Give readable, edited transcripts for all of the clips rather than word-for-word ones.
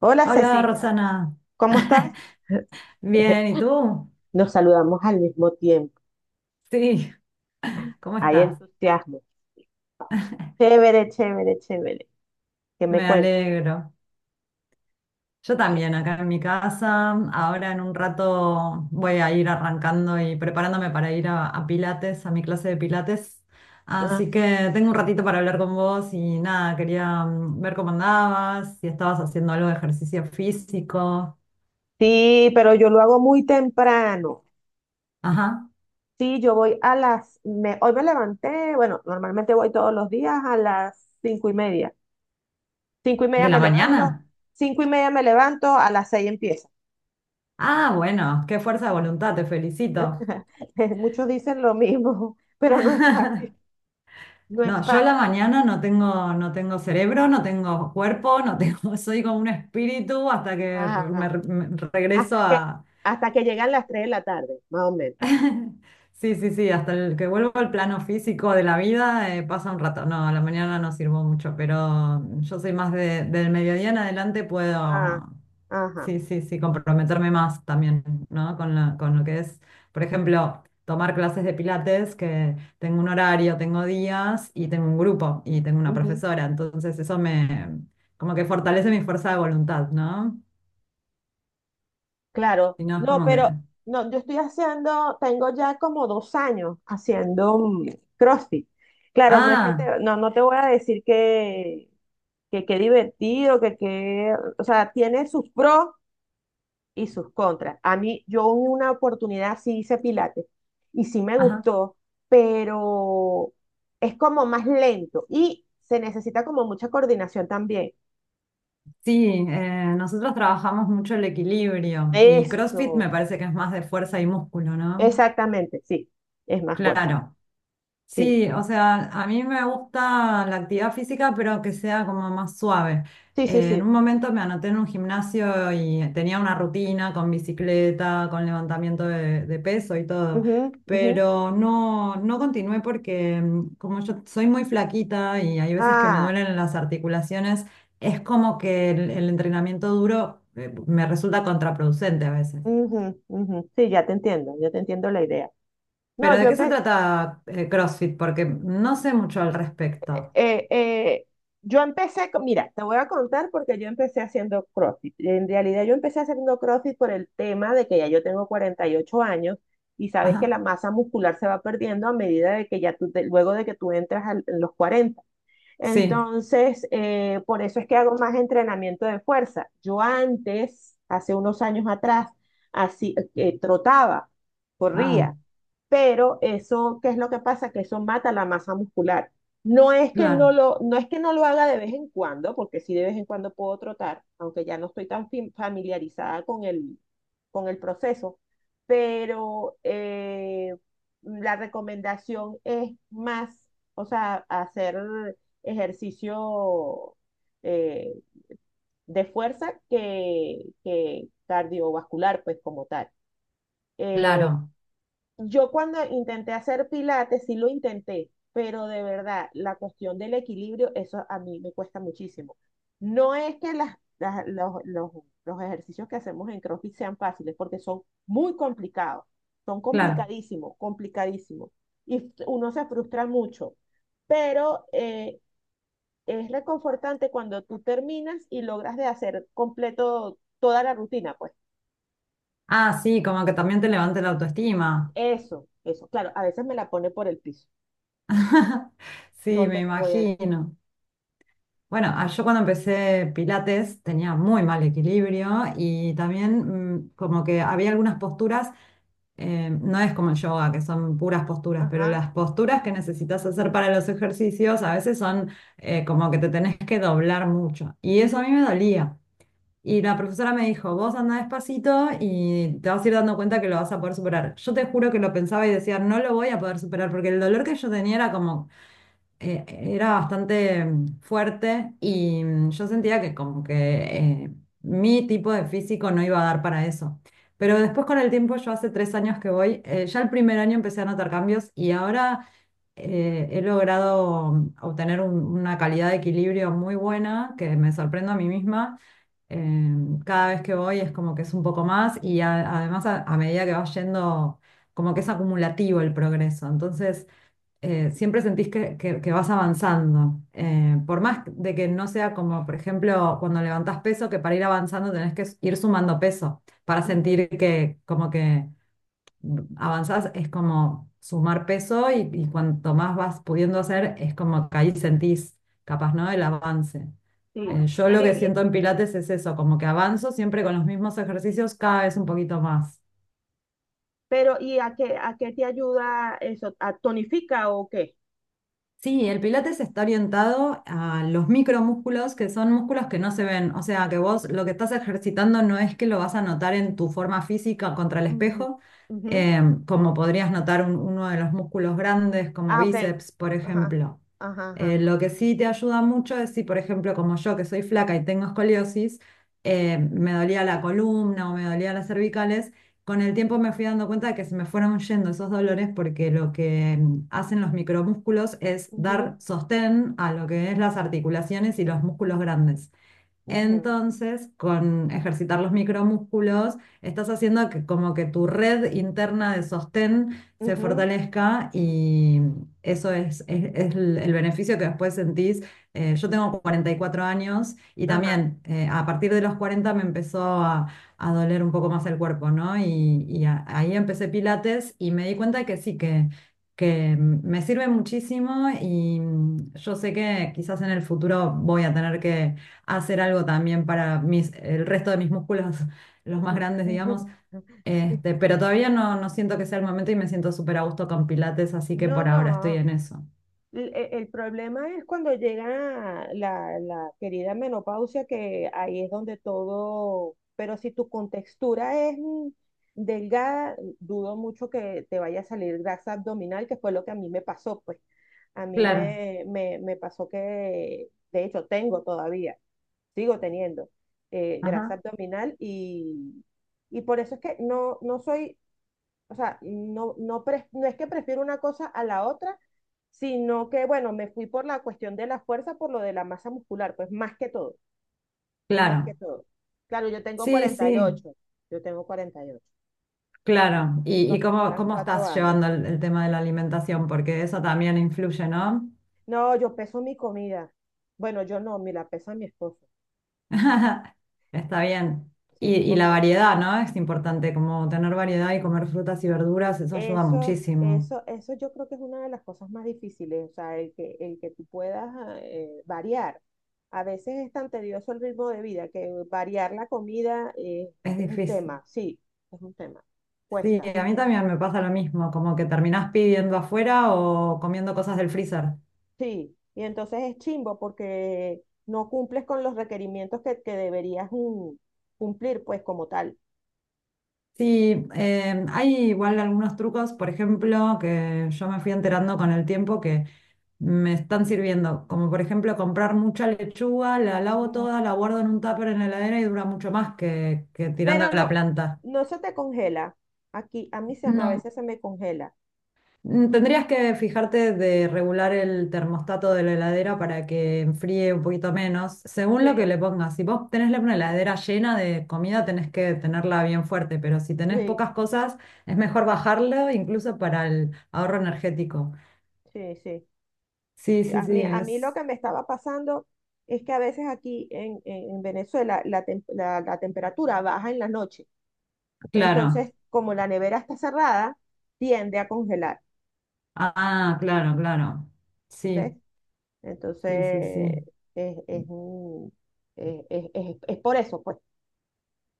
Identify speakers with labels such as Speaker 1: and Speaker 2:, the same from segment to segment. Speaker 1: Hola
Speaker 2: Hola,
Speaker 1: Cecilia,
Speaker 2: Rosana.
Speaker 1: ¿cómo estás?
Speaker 2: Bien, ¿y tú?
Speaker 1: Nos saludamos al mismo tiempo.
Speaker 2: Sí, ¿cómo
Speaker 1: Hay
Speaker 2: estás?
Speaker 1: entusiasmo. Chévere, chévere, chévere. ¿Qué me
Speaker 2: Me
Speaker 1: cuentas?
Speaker 2: alegro. Yo
Speaker 1: ¿Qué-
Speaker 2: también, acá en mi casa. Ahora en un rato voy a ir arrancando y preparándome para ir a Pilates, a mi clase de Pilates.
Speaker 1: Ah,
Speaker 2: Así que tengo un ratito para hablar con vos y nada, quería ver cómo andabas, si estabas haciendo algo de ejercicio físico.
Speaker 1: sí, pero yo lo hago muy temprano.
Speaker 2: Ajá,
Speaker 1: Sí, yo voy a las... hoy me levanté, bueno, normalmente voy todos los días a las cinco y media. Cinco y media
Speaker 2: ¿de
Speaker 1: me
Speaker 2: la
Speaker 1: levanto,
Speaker 2: mañana?
Speaker 1: cinco y media me levanto, a las seis empieza.
Speaker 2: Ah, bueno, qué fuerza de voluntad, te felicito.
Speaker 1: Muchos dicen lo mismo, pero no es fácil. No es
Speaker 2: No, yo a la
Speaker 1: fácil.
Speaker 2: mañana no tengo, no tengo cerebro, no tengo cuerpo, no tengo, soy como un espíritu hasta que re- me,
Speaker 1: Ajá.
Speaker 2: me regreso
Speaker 1: Hasta que,
Speaker 2: a,
Speaker 1: hasta que llegan las 3 de la tarde, más o menos.
Speaker 2: sí, sí, sí, hasta el que vuelvo al plano físico de la vida, pasa un rato. No, a la mañana no sirvo mucho, pero yo soy más del mediodía en adelante
Speaker 1: Ah,
Speaker 2: puedo,
Speaker 1: ajá,
Speaker 2: sí, sí, sí, comprometerme más también, ¿no? Con lo que es, por ejemplo, tomar clases de pilates, que tengo un horario, tengo días y tengo un grupo y tengo una
Speaker 1: ujú,
Speaker 2: profesora, entonces eso me, como que fortalece mi fuerza de voluntad, ¿no?
Speaker 1: claro.
Speaker 2: Si no, es
Speaker 1: No,
Speaker 2: como que,
Speaker 1: pero no, yo estoy haciendo, tengo ya como dos años haciendo CrossFit. Claro, no es que
Speaker 2: ah,
Speaker 1: te, no, no te voy a decir que qué divertido, que qué, o sea, tiene sus pros y sus contras. A mí, yo en una oportunidad sí hice pilates y sí me
Speaker 2: ajá.
Speaker 1: gustó, pero es como más lento y se necesita como mucha coordinación también.
Speaker 2: Sí, nosotros trabajamos mucho el equilibrio y CrossFit
Speaker 1: Eso,
Speaker 2: me parece que es más de fuerza y músculo, ¿no?
Speaker 1: exactamente, sí, es más fuerza,
Speaker 2: Claro.
Speaker 1: sí,
Speaker 2: Sí, o sea, a mí me gusta la actividad física, pero que sea como más suave.
Speaker 1: sí, sí,
Speaker 2: En
Speaker 1: sí.
Speaker 2: un momento me anoté en un gimnasio y tenía una rutina con bicicleta, con levantamiento de peso y todo,
Speaker 1: Ujú, ujú.
Speaker 2: pero no, no continué porque como yo soy muy flaquita y hay veces que me
Speaker 1: Ah,
Speaker 2: duelen las articulaciones, es como que el entrenamiento duro, me resulta contraproducente a veces.
Speaker 1: ujú, ujú. Sí, ya te entiendo, yo te entiendo la idea.
Speaker 2: Pero
Speaker 1: No,
Speaker 2: ¿de
Speaker 1: yo,
Speaker 2: qué se trata, CrossFit? Porque no sé mucho al respecto.
Speaker 1: eh, eh, yo empecé, mira, te voy a contar porque yo empecé haciendo CrossFit. En realidad yo empecé haciendo CrossFit por el tema de que ya yo tengo 48 años y sabes que
Speaker 2: Ajá.
Speaker 1: la masa muscular se va perdiendo a medida de que ya tú, luego de que tú entras en los 40.
Speaker 2: Sí,
Speaker 1: Entonces, por eso es que hago más entrenamiento de fuerza. Yo antes, hace unos años atrás, así, trotaba,
Speaker 2: ah,
Speaker 1: corría pero eso, ¿qué es lo que pasa? Que eso mata la masa muscular. No es que no
Speaker 2: claro,
Speaker 1: lo, no es que no lo haga de vez en cuando, porque sí de vez en cuando puedo trotar, aunque ya no estoy tan familiarizada con el proceso, pero la recomendación es más, o sea, hacer ejercicio eh, de fuerza que cardiovascular, pues como tal. Eh,
Speaker 2: claro,
Speaker 1: yo cuando intenté hacer pilates, sí lo intenté, pero de verdad, la cuestión del equilibrio, eso a mí me cuesta muchísimo. No es que las, los, los ejercicios que hacemos en CrossFit sean fáciles, porque son muy complicados, son
Speaker 2: claro.
Speaker 1: complicadísimos, complicadísimos, y uno se frustra mucho, pero es reconfortante cuando tú terminas y logras de hacer completo toda la rutina, pues.
Speaker 2: Ah, sí, como que también te levante la autoestima.
Speaker 1: Eso, eso. Claro, a veces me la pone por el piso.
Speaker 2: Sí,
Speaker 1: No
Speaker 2: me
Speaker 1: te lo voy a
Speaker 2: imagino. Bueno, ah, yo cuando empecé Pilates tenía muy mal equilibrio y también como que había algunas posturas, no es como el yoga, que son puras posturas, pero
Speaker 1: ajá.
Speaker 2: las posturas que necesitas hacer para los ejercicios a veces son, como que te tenés que doblar mucho. Y eso a
Speaker 1: Ujú,
Speaker 2: mí me dolía. Y la profesora me dijo, vos anda despacito y te vas a ir dando cuenta que lo vas a poder superar. Yo te juro que lo pensaba y decía, no lo voy a poder superar, porque el dolor que yo tenía era como, era bastante fuerte y yo sentía que como que, eh, mi tipo de físico no iba a dar para eso. Pero después con el tiempo, yo hace 3 años que voy, ya el primer año empecé a notar cambios y ahora he logrado obtener una calidad de equilibrio muy buena, que me sorprendo a mí misma, cada vez que voy es como que es un poco más y además a medida que vas yendo, como que es acumulativo el progreso. Entonces, siempre sentís que vas avanzando. Por más de que no sea como, por ejemplo, cuando levantás peso, que para ir avanzando tenés que ir sumando peso para
Speaker 1: ujú,
Speaker 2: sentir que como que avanzás, es como sumar peso y cuanto más vas pudiendo hacer, es como que ahí sentís, capaz, ¿no? El avance.
Speaker 1: sí.
Speaker 2: Yo lo
Speaker 1: Pero,
Speaker 2: que
Speaker 1: y,
Speaker 2: siento en Pilates es eso, como que avanzo siempre con los mismos ejercicios cada vez un poquito más.
Speaker 1: pero, ¿y a qué te ayuda eso? ¿A tonifica o qué?
Speaker 2: Sí, el pilates está orientado a los micromúsculos, que son músculos que no se ven. O sea, que vos lo que estás ejercitando no es que lo vas a notar en tu forma física contra el
Speaker 1: Ujú,
Speaker 2: espejo,
Speaker 1: ujú.
Speaker 2: como podrías notar uno de los músculos grandes, como
Speaker 1: Ah, ok.
Speaker 2: bíceps, por
Speaker 1: Ajá.
Speaker 2: ejemplo.
Speaker 1: Ajá, ajá, ajá.
Speaker 2: Lo que sí te ayuda mucho es si, por ejemplo, como yo, que soy flaca y tengo escoliosis, me dolía la columna o me dolía las cervicales. Con el tiempo me fui dando cuenta de que se me fueron yendo esos dolores, porque lo que hacen los micromúsculos es
Speaker 1: Ujú,
Speaker 2: dar sostén a lo que es las articulaciones y los músculos grandes.
Speaker 1: ujú,
Speaker 2: Entonces, con ejercitar los micromúsculos, estás haciendo que como que tu red interna de sostén se
Speaker 1: ujú,
Speaker 2: fortalezca y eso es el beneficio que después sentís. Yo tengo 44 años y
Speaker 1: ajá.
Speaker 2: también, a partir de los 40 me empezó a doler un poco más el cuerpo, ¿no? Y ahí empecé Pilates y me di cuenta que sí, que me sirve muchísimo y yo sé que quizás en el futuro voy a tener que hacer algo también para el resto de mis músculos, los más
Speaker 1: Ujú,
Speaker 2: grandes,
Speaker 1: ujú.
Speaker 2: digamos.
Speaker 1: Sí.
Speaker 2: Pero todavía no, no siento que sea el momento y me siento súper a gusto con Pilates, así que
Speaker 1: No,
Speaker 2: por ahora estoy
Speaker 1: no.
Speaker 2: en eso.
Speaker 1: El, e, problema es cuando llega la, la querida menopausia, que ahí es donde todo, pero si tu contextura es delgada, dudo mucho que te vaya a salir grasa abdominal, que fue lo que a mí me pasó, pues. A mí
Speaker 2: Claro,
Speaker 1: me, me, me pasó que, de hecho, tengo todavía, sigo teniendo grasa
Speaker 2: ajá,
Speaker 1: abdominal y por eso es que no, no soy o sea, no, no, no es que prefiero una cosa a la otra, sino que, bueno, me fui por la cuestión de la fuerza, por lo de la masa muscular, pues más que todo, más que
Speaker 2: claro.
Speaker 1: todo. Claro, yo tengo
Speaker 2: Sí,
Speaker 1: cuarenta y
Speaker 2: sí,
Speaker 1: ocho, yo tengo 48.
Speaker 2: claro. ¿Y,
Speaker 1: Nos
Speaker 2: y cómo,
Speaker 1: separan
Speaker 2: cómo
Speaker 1: cuatro
Speaker 2: estás
Speaker 1: años.
Speaker 2: llevando el tema de la alimentación? Porque eso también influye, ¿no?
Speaker 1: No, yo peso mi comida. Bueno, yo no, me la pesa mi esposo.
Speaker 2: Está bien. Y,
Speaker 1: Sí,
Speaker 2: y la
Speaker 1: porque
Speaker 2: variedad, ¿no? Es importante, como tener variedad y comer frutas y verduras, eso ayuda
Speaker 1: Eso,
Speaker 2: muchísimo.
Speaker 1: eso, eso yo creo que es una de las cosas más difíciles, o sea, el que tú puedas ah, variar. A veces es tan tedioso el ritmo de vida que variar la comida
Speaker 2: Es
Speaker 1: es un
Speaker 2: difícil.
Speaker 1: tema, sí, es un tema,
Speaker 2: Sí,
Speaker 1: cuesta,
Speaker 2: a mí también me pasa lo mismo, como que terminás pidiendo afuera o comiendo cosas del freezer.
Speaker 1: sí. Y entonces es chimbo porque no cumples con los requerimientos que deberías cumplir, pues como tal.
Speaker 2: Sí, hay igual algunos trucos, por ejemplo, que yo me fui enterando con el tiempo que me están sirviendo, como por ejemplo comprar mucha lechuga, la lavo
Speaker 1: Ujú.
Speaker 2: toda, la guardo en un tupper en la heladera y dura mucho más que tirando
Speaker 1: Pero
Speaker 2: a la
Speaker 1: no,
Speaker 2: planta.
Speaker 1: no se te congela. Aquí, a mí se, a
Speaker 2: No.
Speaker 1: veces se me congela.
Speaker 2: Tendrías que fijarte de regular el termostato de la heladera para que enfríe un poquito menos, según lo que
Speaker 1: Sí,
Speaker 2: le pongas. Si vos tenés una heladera llena de comida, tenés que tenerla bien fuerte, pero si tenés
Speaker 1: sí,
Speaker 2: pocas cosas, es mejor bajarlo incluso para el ahorro energético.
Speaker 1: sí, sí.
Speaker 2: Sí, sí, sí,
Speaker 1: A mí lo
Speaker 2: es
Speaker 1: que me estaba pasando es que a veces aquí en, en Venezuela la, la temperatura baja en la noche.
Speaker 2: claro.
Speaker 1: Entonces, como la nevera está cerrada, tiende a congelar,
Speaker 2: Ah, claro, claro.
Speaker 1: ¿ves?
Speaker 2: Sí, sí, sí,
Speaker 1: Entonces,
Speaker 2: sí.
Speaker 1: es, es por eso, pues.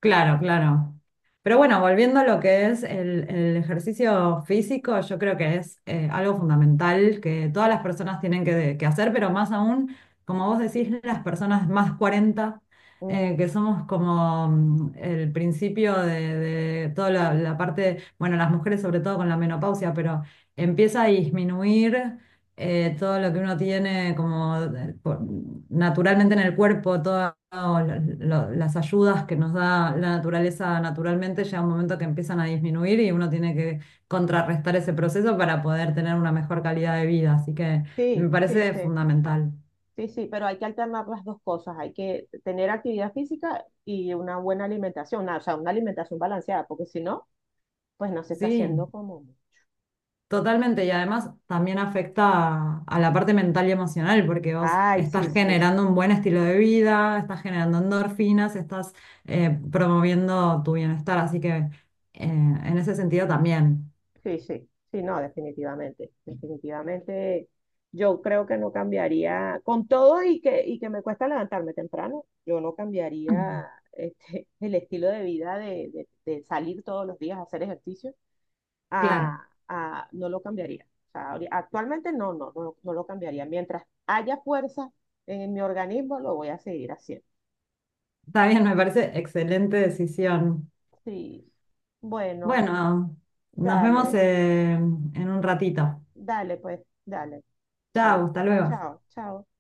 Speaker 2: Claro, claro. Pero bueno, volviendo a lo que es el ejercicio físico, yo creo que es, algo fundamental que todas las personas tienen que hacer, pero más aún, como vos decís, las personas más 40,
Speaker 1: Mm,
Speaker 2: que somos como, el principio de toda la parte, bueno, las mujeres sobre todo con la menopausia, pero empieza a disminuir, todo lo que uno tiene como naturalmente en el cuerpo, todas las ayudas que nos da la naturaleza naturalmente, llega un momento que empiezan a disminuir y uno tiene que contrarrestar ese proceso para poder tener una mejor calidad de vida. Así que me
Speaker 1: sí, sí,
Speaker 2: parece
Speaker 1: sí,
Speaker 2: fundamental.
Speaker 1: sí, sí, pero hay que alternar las dos cosas. Hay que tener actividad física y una buena alimentación, una- o sea, una alimentación balanceada, porque si no, pues no se está
Speaker 2: Sí.
Speaker 1: haciendo como...
Speaker 2: Totalmente, y además también afecta a la parte mental y emocional, porque vos
Speaker 1: Ay, sí,
Speaker 2: estás
Speaker 1: sí,
Speaker 2: generando un buen estilo de vida, estás generando endorfinas, estás, promoviendo tu bienestar, así que, en ese sentido también.
Speaker 1: sí, sí, sí, no, definitivamente, definitivamente. Yo creo que no cambiaría, con todo y que me cuesta levantarme temprano, yo no cambiaría este, el estilo de vida de, de salir todos los días a hacer ejercicio,
Speaker 2: Claro,
Speaker 1: a, no lo cambiaría. O sea, actualmente no, no, no, no lo cambiaría. Mientras haya fuerza en mi organismo, lo voy a seguir haciendo.
Speaker 2: está bien, me parece excelente decisión.
Speaker 1: Sí, bueno,
Speaker 2: Bueno, nos vemos,
Speaker 1: dale,
Speaker 2: en un ratito.
Speaker 1: dale, pues, dale. Ok,
Speaker 2: Chao, hasta luego.
Speaker 1: chao, chao.